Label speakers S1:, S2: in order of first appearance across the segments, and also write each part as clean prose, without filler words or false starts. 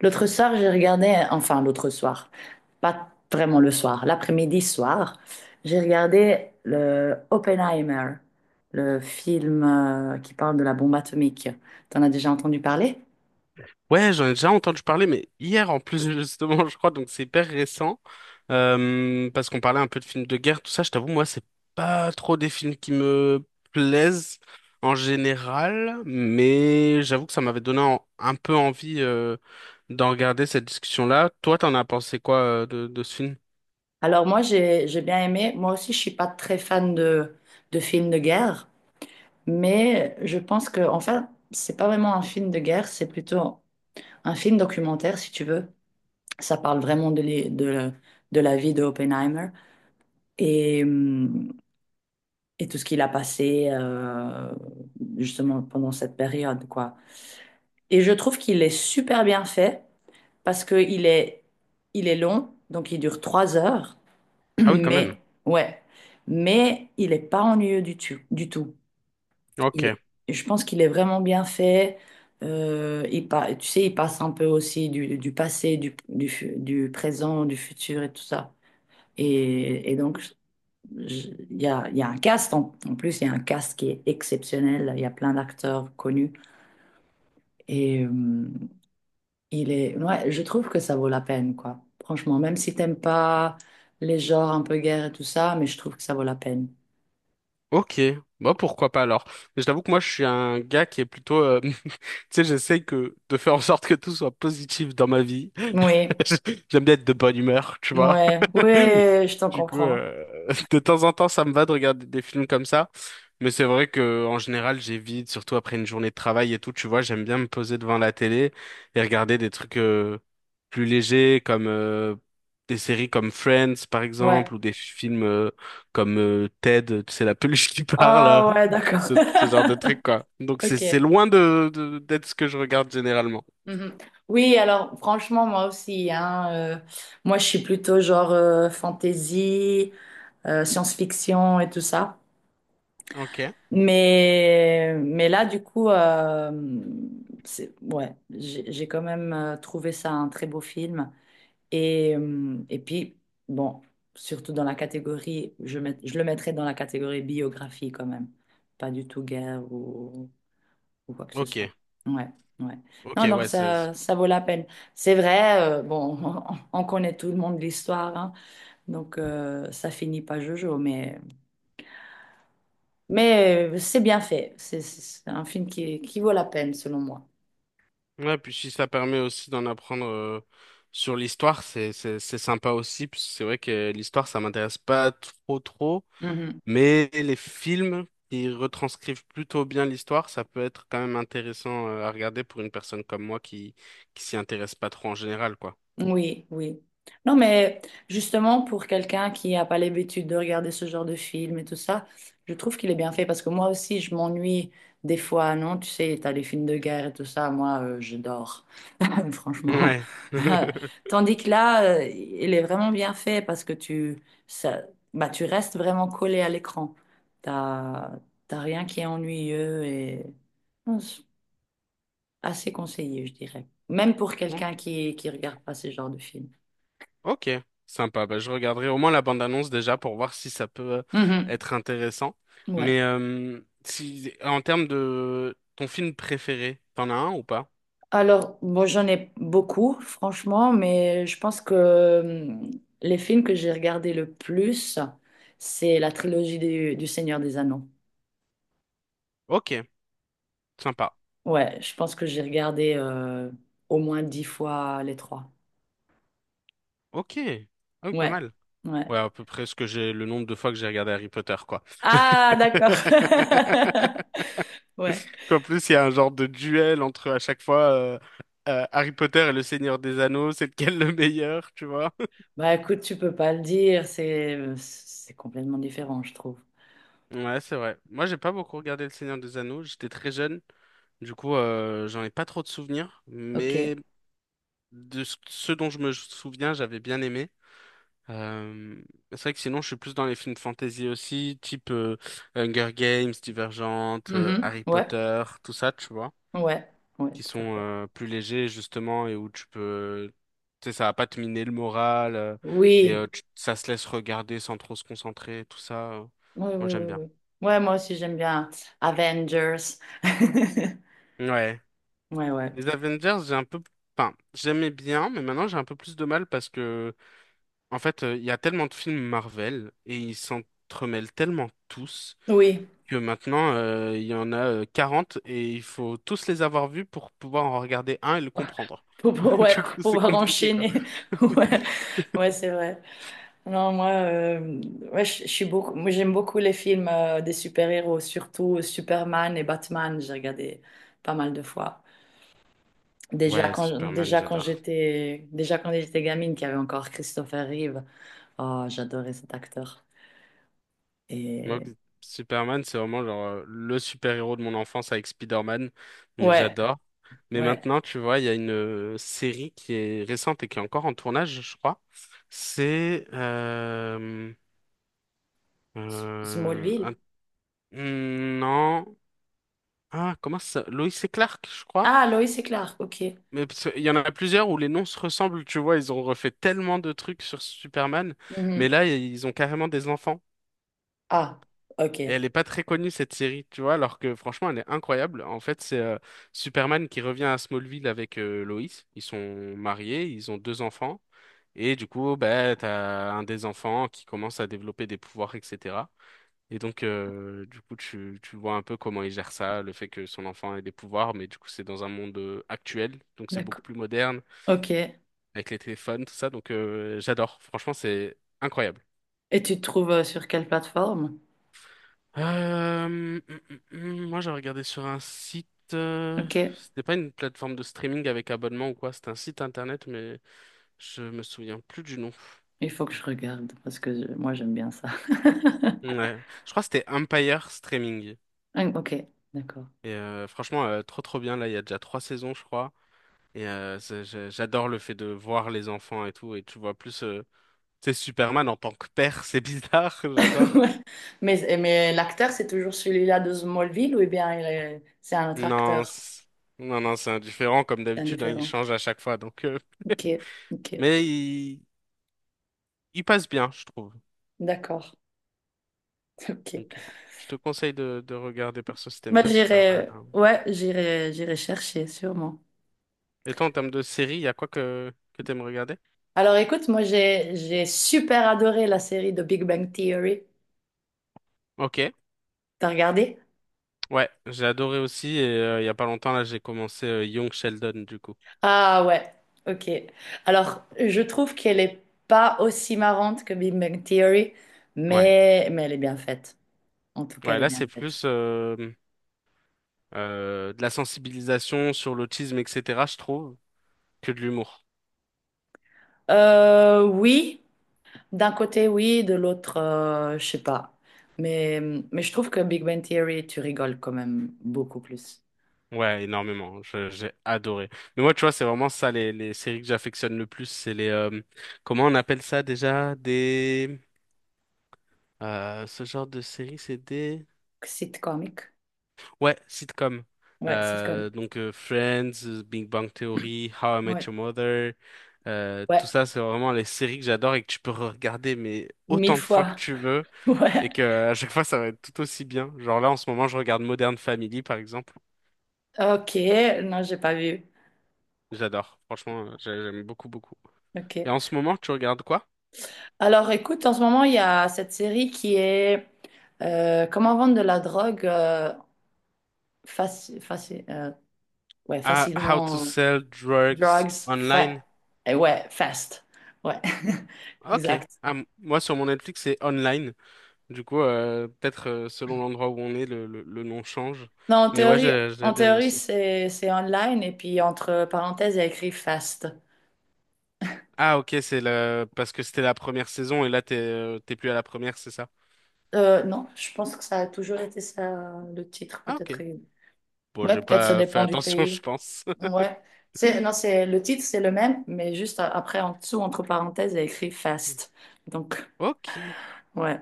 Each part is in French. S1: L'autre soir, j'ai regardé, enfin l'autre soir, pas vraiment le soir, l'après-midi soir, j'ai regardé le Oppenheimer, le film qui parle de la bombe atomique. T'en as déjà entendu parler?
S2: Ouais, j'en ai déjà entendu parler, mais hier en plus justement, je crois, donc c'est hyper récent. Parce qu'on parlait un peu de films de guerre, tout ça, je t'avoue, moi, c'est pas trop des films qui me plaisent en général, mais j'avoue que ça m'avait donné un peu envie d'en regarder cette discussion-là. Toi, t'en as pensé quoi de ce film?
S1: Alors moi, j'ai bien aimé. Moi aussi, je suis pas très fan de films de guerre, mais je pense que, enfin, c'est pas vraiment un film de guerre, c'est plutôt un film documentaire, si tu veux. Ça parle vraiment de, de la vie de Oppenheimer. Et hum, et tout ce qu'il a passé justement pendant cette période, quoi. Et je trouve qu'il est super bien fait parce que il est long, donc il dure 3 heures,
S2: Ah oui, quand même.
S1: mais ouais, mais il est pas ennuyeux du tout, du tout. Il
S2: Ok.
S1: est, je pense qu'il est vraiment bien fait. Tu sais, il passe un peu aussi du passé, du présent, du futur et tout ça. Et donc, il y a un cast, en plus, il y a un cast qui est exceptionnel. Il y a plein d'acteurs connus. Et il est, ouais, je trouve que ça vaut la peine, quoi. Franchement, même si t'aimes pas les genres un peu guerre et tout ça, mais je trouve que ça vaut la peine.
S2: Ok. Bon, pourquoi pas alors? Mais je t'avoue que moi, je suis un gars qui est plutôt... Tu sais, j'essaye que de faire en sorte que tout soit positif dans ma vie.
S1: Oui,
S2: J'aime bien être de bonne humeur, tu vois.
S1: ouais, ouais, je t'en
S2: Du coup,
S1: comprends.
S2: de temps en temps, ça me va de regarder des films comme ça. Mais c'est vrai que en général, j'évite, surtout après une journée de travail et tout, tu vois, j'aime bien me poser devant la télé et regarder des trucs plus légers comme des séries comme Friends, par
S1: Ouais.
S2: exemple, ou des films comme Ted, tu sais, la peluche qui parle, hein.
S1: Ah ouais, d'accord.
S2: Ce genre de trucs, quoi. Donc c'est
S1: Ok.
S2: c'est loin d'être ce que je regarde généralement.
S1: Mhm. Oui, alors franchement, moi aussi, hein, moi je suis plutôt genre fantasy, science-fiction et tout ça.
S2: Ok,
S1: Mais là, du coup, c'est, ouais, j'ai quand même trouvé ça un très beau film. Et puis, bon, surtout dans la catégorie, je le mettrais dans la catégorie biographie quand même. Pas du tout guerre ou quoi que ce
S2: ok,
S1: soit. Ouais, ouais. Non,
S2: ok,
S1: donc
S2: ouais, c'est.
S1: ça vaut la peine. C'est vrai, bon, on, connaît tout le monde l'histoire, hein. Donc ça finit pas jojo, mais. Mais c'est bien fait. C'est un film qui vaut la peine, selon moi.
S2: Ouais, puis si ça permet aussi d'en apprendre sur l'histoire, c'est sympa aussi, parce que c'est vrai que l'histoire, ça m'intéresse pas trop trop,
S1: Mhm.
S2: mais les films qui retranscrivent plutôt bien l'histoire, ça peut être quand même intéressant à regarder pour une personne comme moi qui s'y intéresse pas trop en général, quoi.
S1: Oui, oui. Non, mais justement, pour quelqu'un qui n'a pas l'habitude de regarder ce genre de film et tout ça, je trouve qu'il est bien fait parce que moi aussi, je m'ennuie des fois, non? Tu sais, t'as les films de guerre et tout ça, moi, je dors, franchement.
S2: Ouais.
S1: Tandis que là, il est vraiment bien fait parce que tu, ça, bah, tu restes vraiment collé à l'écran. T'as, T'as rien qui est ennuyeux et non, c'est assez conseillé, je dirais. Même pour
S2: Ok.
S1: quelqu'un qui regarde pas ce genre de film.
S2: Ok, sympa. Bah, je regarderai au moins la bande-annonce déjà pour voir si ça peut
S1: Mhm.
S2: être intéressant.
S1: Ouais.
S2: Mais si, en termes de ton film préféré, t'en as un ou pas?
S1: Alors, bon, j'en ai beaucoup, franchement, mais je pense que les films que j'ai regardés le plus, c'est la trilogie du Seigneur des Anneaux.
S2: Ok, sympa.
S1: Ouais, je pense que j'ai regardé au moins 10 fois les trois.
S2: Ok, ah oui, pas
S1: Ouais,
S2: mal.
S1: ouais.
S2: Ouais, à peu près ce que j'ai, le nombre de fois que j'ai regardé Harry Potter, quoi.
S1: Ah, d'accord. Ouais.
S2: En plus, il y a un genre de duel entre à chaque fois Harry Potter et le Seigneur des Anneaux, c'est lequel le meilleur, tu vois?
S1: Bah écoute, tu peux pas le dire, c'est complètement différent, je trouve.
S2: Ouais, c'est vrai. Moi, j'ai pas beaucoup regardé le Seigneur des Anneaux. J'étais très jeune. Du coup, j'en ai pas trop de souvenirs, mais
S1: Ok.
S2: de ce dont je me souviens, j'avais bien aimé. Euh, c'est vrai que sinon, je suis plus dans les films fantasy aussi, type Hunger Games, Divergente,
S1: Mhm.
S2: Harry
S1: Ouais,
S2: Potter, tout ça, tu vois,
S1: ouais, ouais,
S2: qui
S1: tout à
S2: sont
S1: fait.
S2: plus légers justement et où tu peux, tu sais, ça va pas te miner le moral et
S1: Oui.
S2: ça se laisse regarder sans trop se concentrer, tout ça.
S1: Oui,
S2: Moi,
S1: oui, oui,
S2: j'aime bien.
S1: oui. Ouais, moi aussi, j'aime bien Avengers.
S2: Ouais.
S1: Ouais, ouais.
S2: Les Avengers, j'ai un peu, enfin, j'aimais bien, mais maintenant j'ai un peu plus de mal parce que en fait, il y a tellement de films Marvel et ils s'entremêlent tellement tous
S1: Oui,
S2: que maintenant, il y en a 40 et il faut tous les avoir vus pour pouvoir en regarder un et le comprendre.
S1: ouais,
S2: Du
S1: pour
S2: coup, c'est
S1: pouvoir
S2: compliqué, quoi.
S1: enchaîner. Ouais, ouais, c'est vrai. Non, moi, ouais, je suis beaucoup, moi, j'aime beaucoup les films des super-héros, surtout Superman et Batman. J'ai regardé pas mal de fois.
S2: Ouais, Superman, j'adore.
S1: Déjà quand j'étais gamine, qu'il y avait encore Christopher Reeve. Oh, j'adorais cet acteur.
S2: Moi,
S1: Et
S2: Superman, c'est vraiment genre, le super-héros de mon enfance avec Spider-Man, donc
S1: ouais,
S2: j'adore. Mais
S1: ouais.
S2: maintenant, tu vois, il y a une série qui est récente et qui est encore en tournage, je crois. C'est
S1: S-
S2: euh,
S1: Smallville.
S2: hmm, non. Ah, comment ça? Lois et Clark, je crois.
S1: Ah, Lois et Clark, ok.
S2: Mais parce que il y en a plusieurs où les noms se ressemblent, tu vois. Ils ont refait tellement de trucs sur Superman. Mais
S1: Mhm.
S2: là, ils ont carrément des enfants.
S1: Ah,
S2: Et
S1: ok.
S2: elle est pas très connue, cette série, tu vois. Alors que franchement, elle est incroyable. En fait, c'est Superman qui revient à Smallville avec Lois. Ils sont mariés, ils ont deux enfants. Et du coup, bah, t'as un des enfants qui commence à développer des pouvoirs, etc. Et donc, du coup, tu vois un peu comment il gère ça, le fait que son enfant ait des pouvoirs, mais du coup, c'est dans un monde actuel, donc c'est beaucoup
S1: D'accord.
S2: plus moderne,
S1: Ok. Et
S2: avec les téléphones, tout ça. Donc, j'adore. Franchement, c'est incroyable.
S1: tu te trouves sur quelle plateforme?
S2: Euh, hum, Moi, j'ai regardé sur un site. euh,
S1: Ok.
S2: C'était pas une plateforme de streaming avec abonnement ou quoi. C'était un site internet, mais je me souviens plus du nom.
S1: Il faut que je regarde parce que moi j'aime bien ça.
S2: Ouais. Je crois que c'était Empire Streaming.
S1: Ah, Ok, d'accord.
S2: Et franchement, trop trop bien. Là, il y a déjà trois saisons, je crois. Et j'adore le fait de voir les enfants et tout. Et tu vois plus, c'est Superman en tant que père, c'est bizarre, j'adore.
S1: Ouais. Mais l'acteur, c'est toujours celui-là de Smallville ou eh bien c'est un autre
S2: Non,
S1: acteur?
S2: non, non, c'est indifférent comme
S1: C'est
S2: d'habitude, hein, il
S1: indifférent.
S2: change à chaque fois. Donc,
S1: Ok, ok.
S2: mais il passe bien, je trouve.
S1: D'accord. Ok.
S2: Donc, je te conseille de regarder perso si t'aimes
S1: Bah,
S2: bien Superman,
S1: j'irai,
S2: hein.
S1: ouais, j'irai, j'irai chercher sûrement.
S2: Et toi, en termes de série, il y a quoi que t'aimes regarder?
S1: Alors écoute, moi j'ai super adoré la série de Big Bang Theory.
S2: Ok,
S1: T'as regardé?
S2: ouais, j'ai adoré aussi. Et il y a pas longtemps là, j'ai commencé Young Sheldon du coup.
S1: Ah ouais, ok. Alors, je trouve qu'elle est pas aussi marrante que Big Bang Theory,
S2: Ouais,
S1: mais elle est bien faite. En tout cas,
S2: ouais,
S1: elle est
S2: là
S1: bien
S2: c'est
S1: faite.
S2: plus de la sensibilisation sur l'autisme, etc., je trouve, que de l'humour.
S1: Oui, d'un côté, oui, de l'autre, je sais pas. Mais, mais je trouve que Big Bang Theory, tu rigoles quand même beaucoup plus.
S2: Ouais, énormément. J'ai adoré. Mais moi, tu vois, c'est vraiment ça, les séries que j'affectionne le plus, c'est les, comment on appelle ça déjà? Des, ce genre de séries, c'est des.
S1: Sitcomique.
S2: Ouais, sitcom.
S1: Ouais, sitcom.
S2: Donc Friends, Big Bang Theory, How I Met
S1: Ouais.
S2: Your Mother, tout
S1: Ouais,
S2: ça, c'est vraiment les séries que j'adore et que tu peux regarder mais
S1: mille
S2: autant de fois que
S1: fois.
S2: tu veux.
S1: Ouais.
S2: Et que à chaque fois ça va être tout aussi bien. Genre là en ce moment je regarde Modern Family par exemple.
S1: Ok, non, j'ai pas vu.
S2: J'adore, franchement j'aime beaucoup beaucoup. Et
S1: Ok.
S2: en ce moment tu regardes quoi?
S1: Alors écoute, en ce moment, il y a cette série qui est Comment vendre de la drogue faci- faci- euh, ouais,
S2: Ah, How to
S1: facilement.
S2: Sell Drugs
S1: Drugs, fa
S2: Online.
S1: eh ouais, fast. Ouais,
S2: Ok.
S1: exact.
S2: Ah, moi sur mon Netflix c'est online. Du coup peut-être selon l'endroit où on est le nom change.
S1: Non,
S2: Mais ouais j'ai
S1: en
S2: j'ai bien aimé
S1: théorie
S2: aussi.
S1: c'est online et puis entre parenthèses, il y a écrit fast.
S2: Ah ok c'est la parce que c'était la première saison et là t'es plus à la première c'est ça?
S1: Non, je pense que ça a toujours été ça, le titre,
S2: Ah
S1: peut-être.
S2: ok. Bon
S1: Ouais,
S2: j'ai
S1: peut-être ça
S2: pas fait
S1: dépend du
S2: attention je
S1: pays.
S2: pense.
S1: Ouais. C'est, non, c'est, le titre, c'est le même, mais juste après, en dessous, entre parenthèses, il y a écrit Fast. Donc,
S2: Ok.
S1: ouais.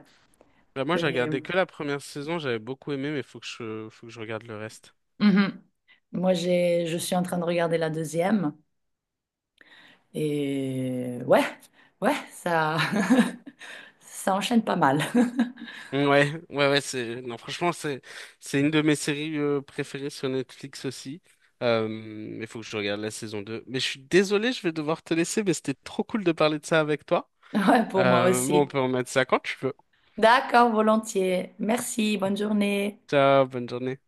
S2: Bah, moi, j'ai
S1: Et
S2: regardé que la première saison, j'avais beaucoup aimé, mais faut que je regarde le reste.
S1: mhm. Moi, j'ai, je suis en train de regarder la deuxième. Et ouais, ouais, ça, ça enchaîne pas mal.
S2: Mmh, ouais, ouais, ouais, c'est, non, franchement, c'est, une de mes séries préférées sur Netflix aussi. Mais faut que je regarde la saison deux. Mais je suis désolé, je vais devoir te laisser, mais c'était trop cool de parler de ça avec toi.
S1: Ouais, pour moi
S2: Moi, on
S1: aussi.
S2: peut remettre ça quand tu veux.
S1: D'accord, volontiers. Merci, bonne journée.
S2: Ciao, bonne journée.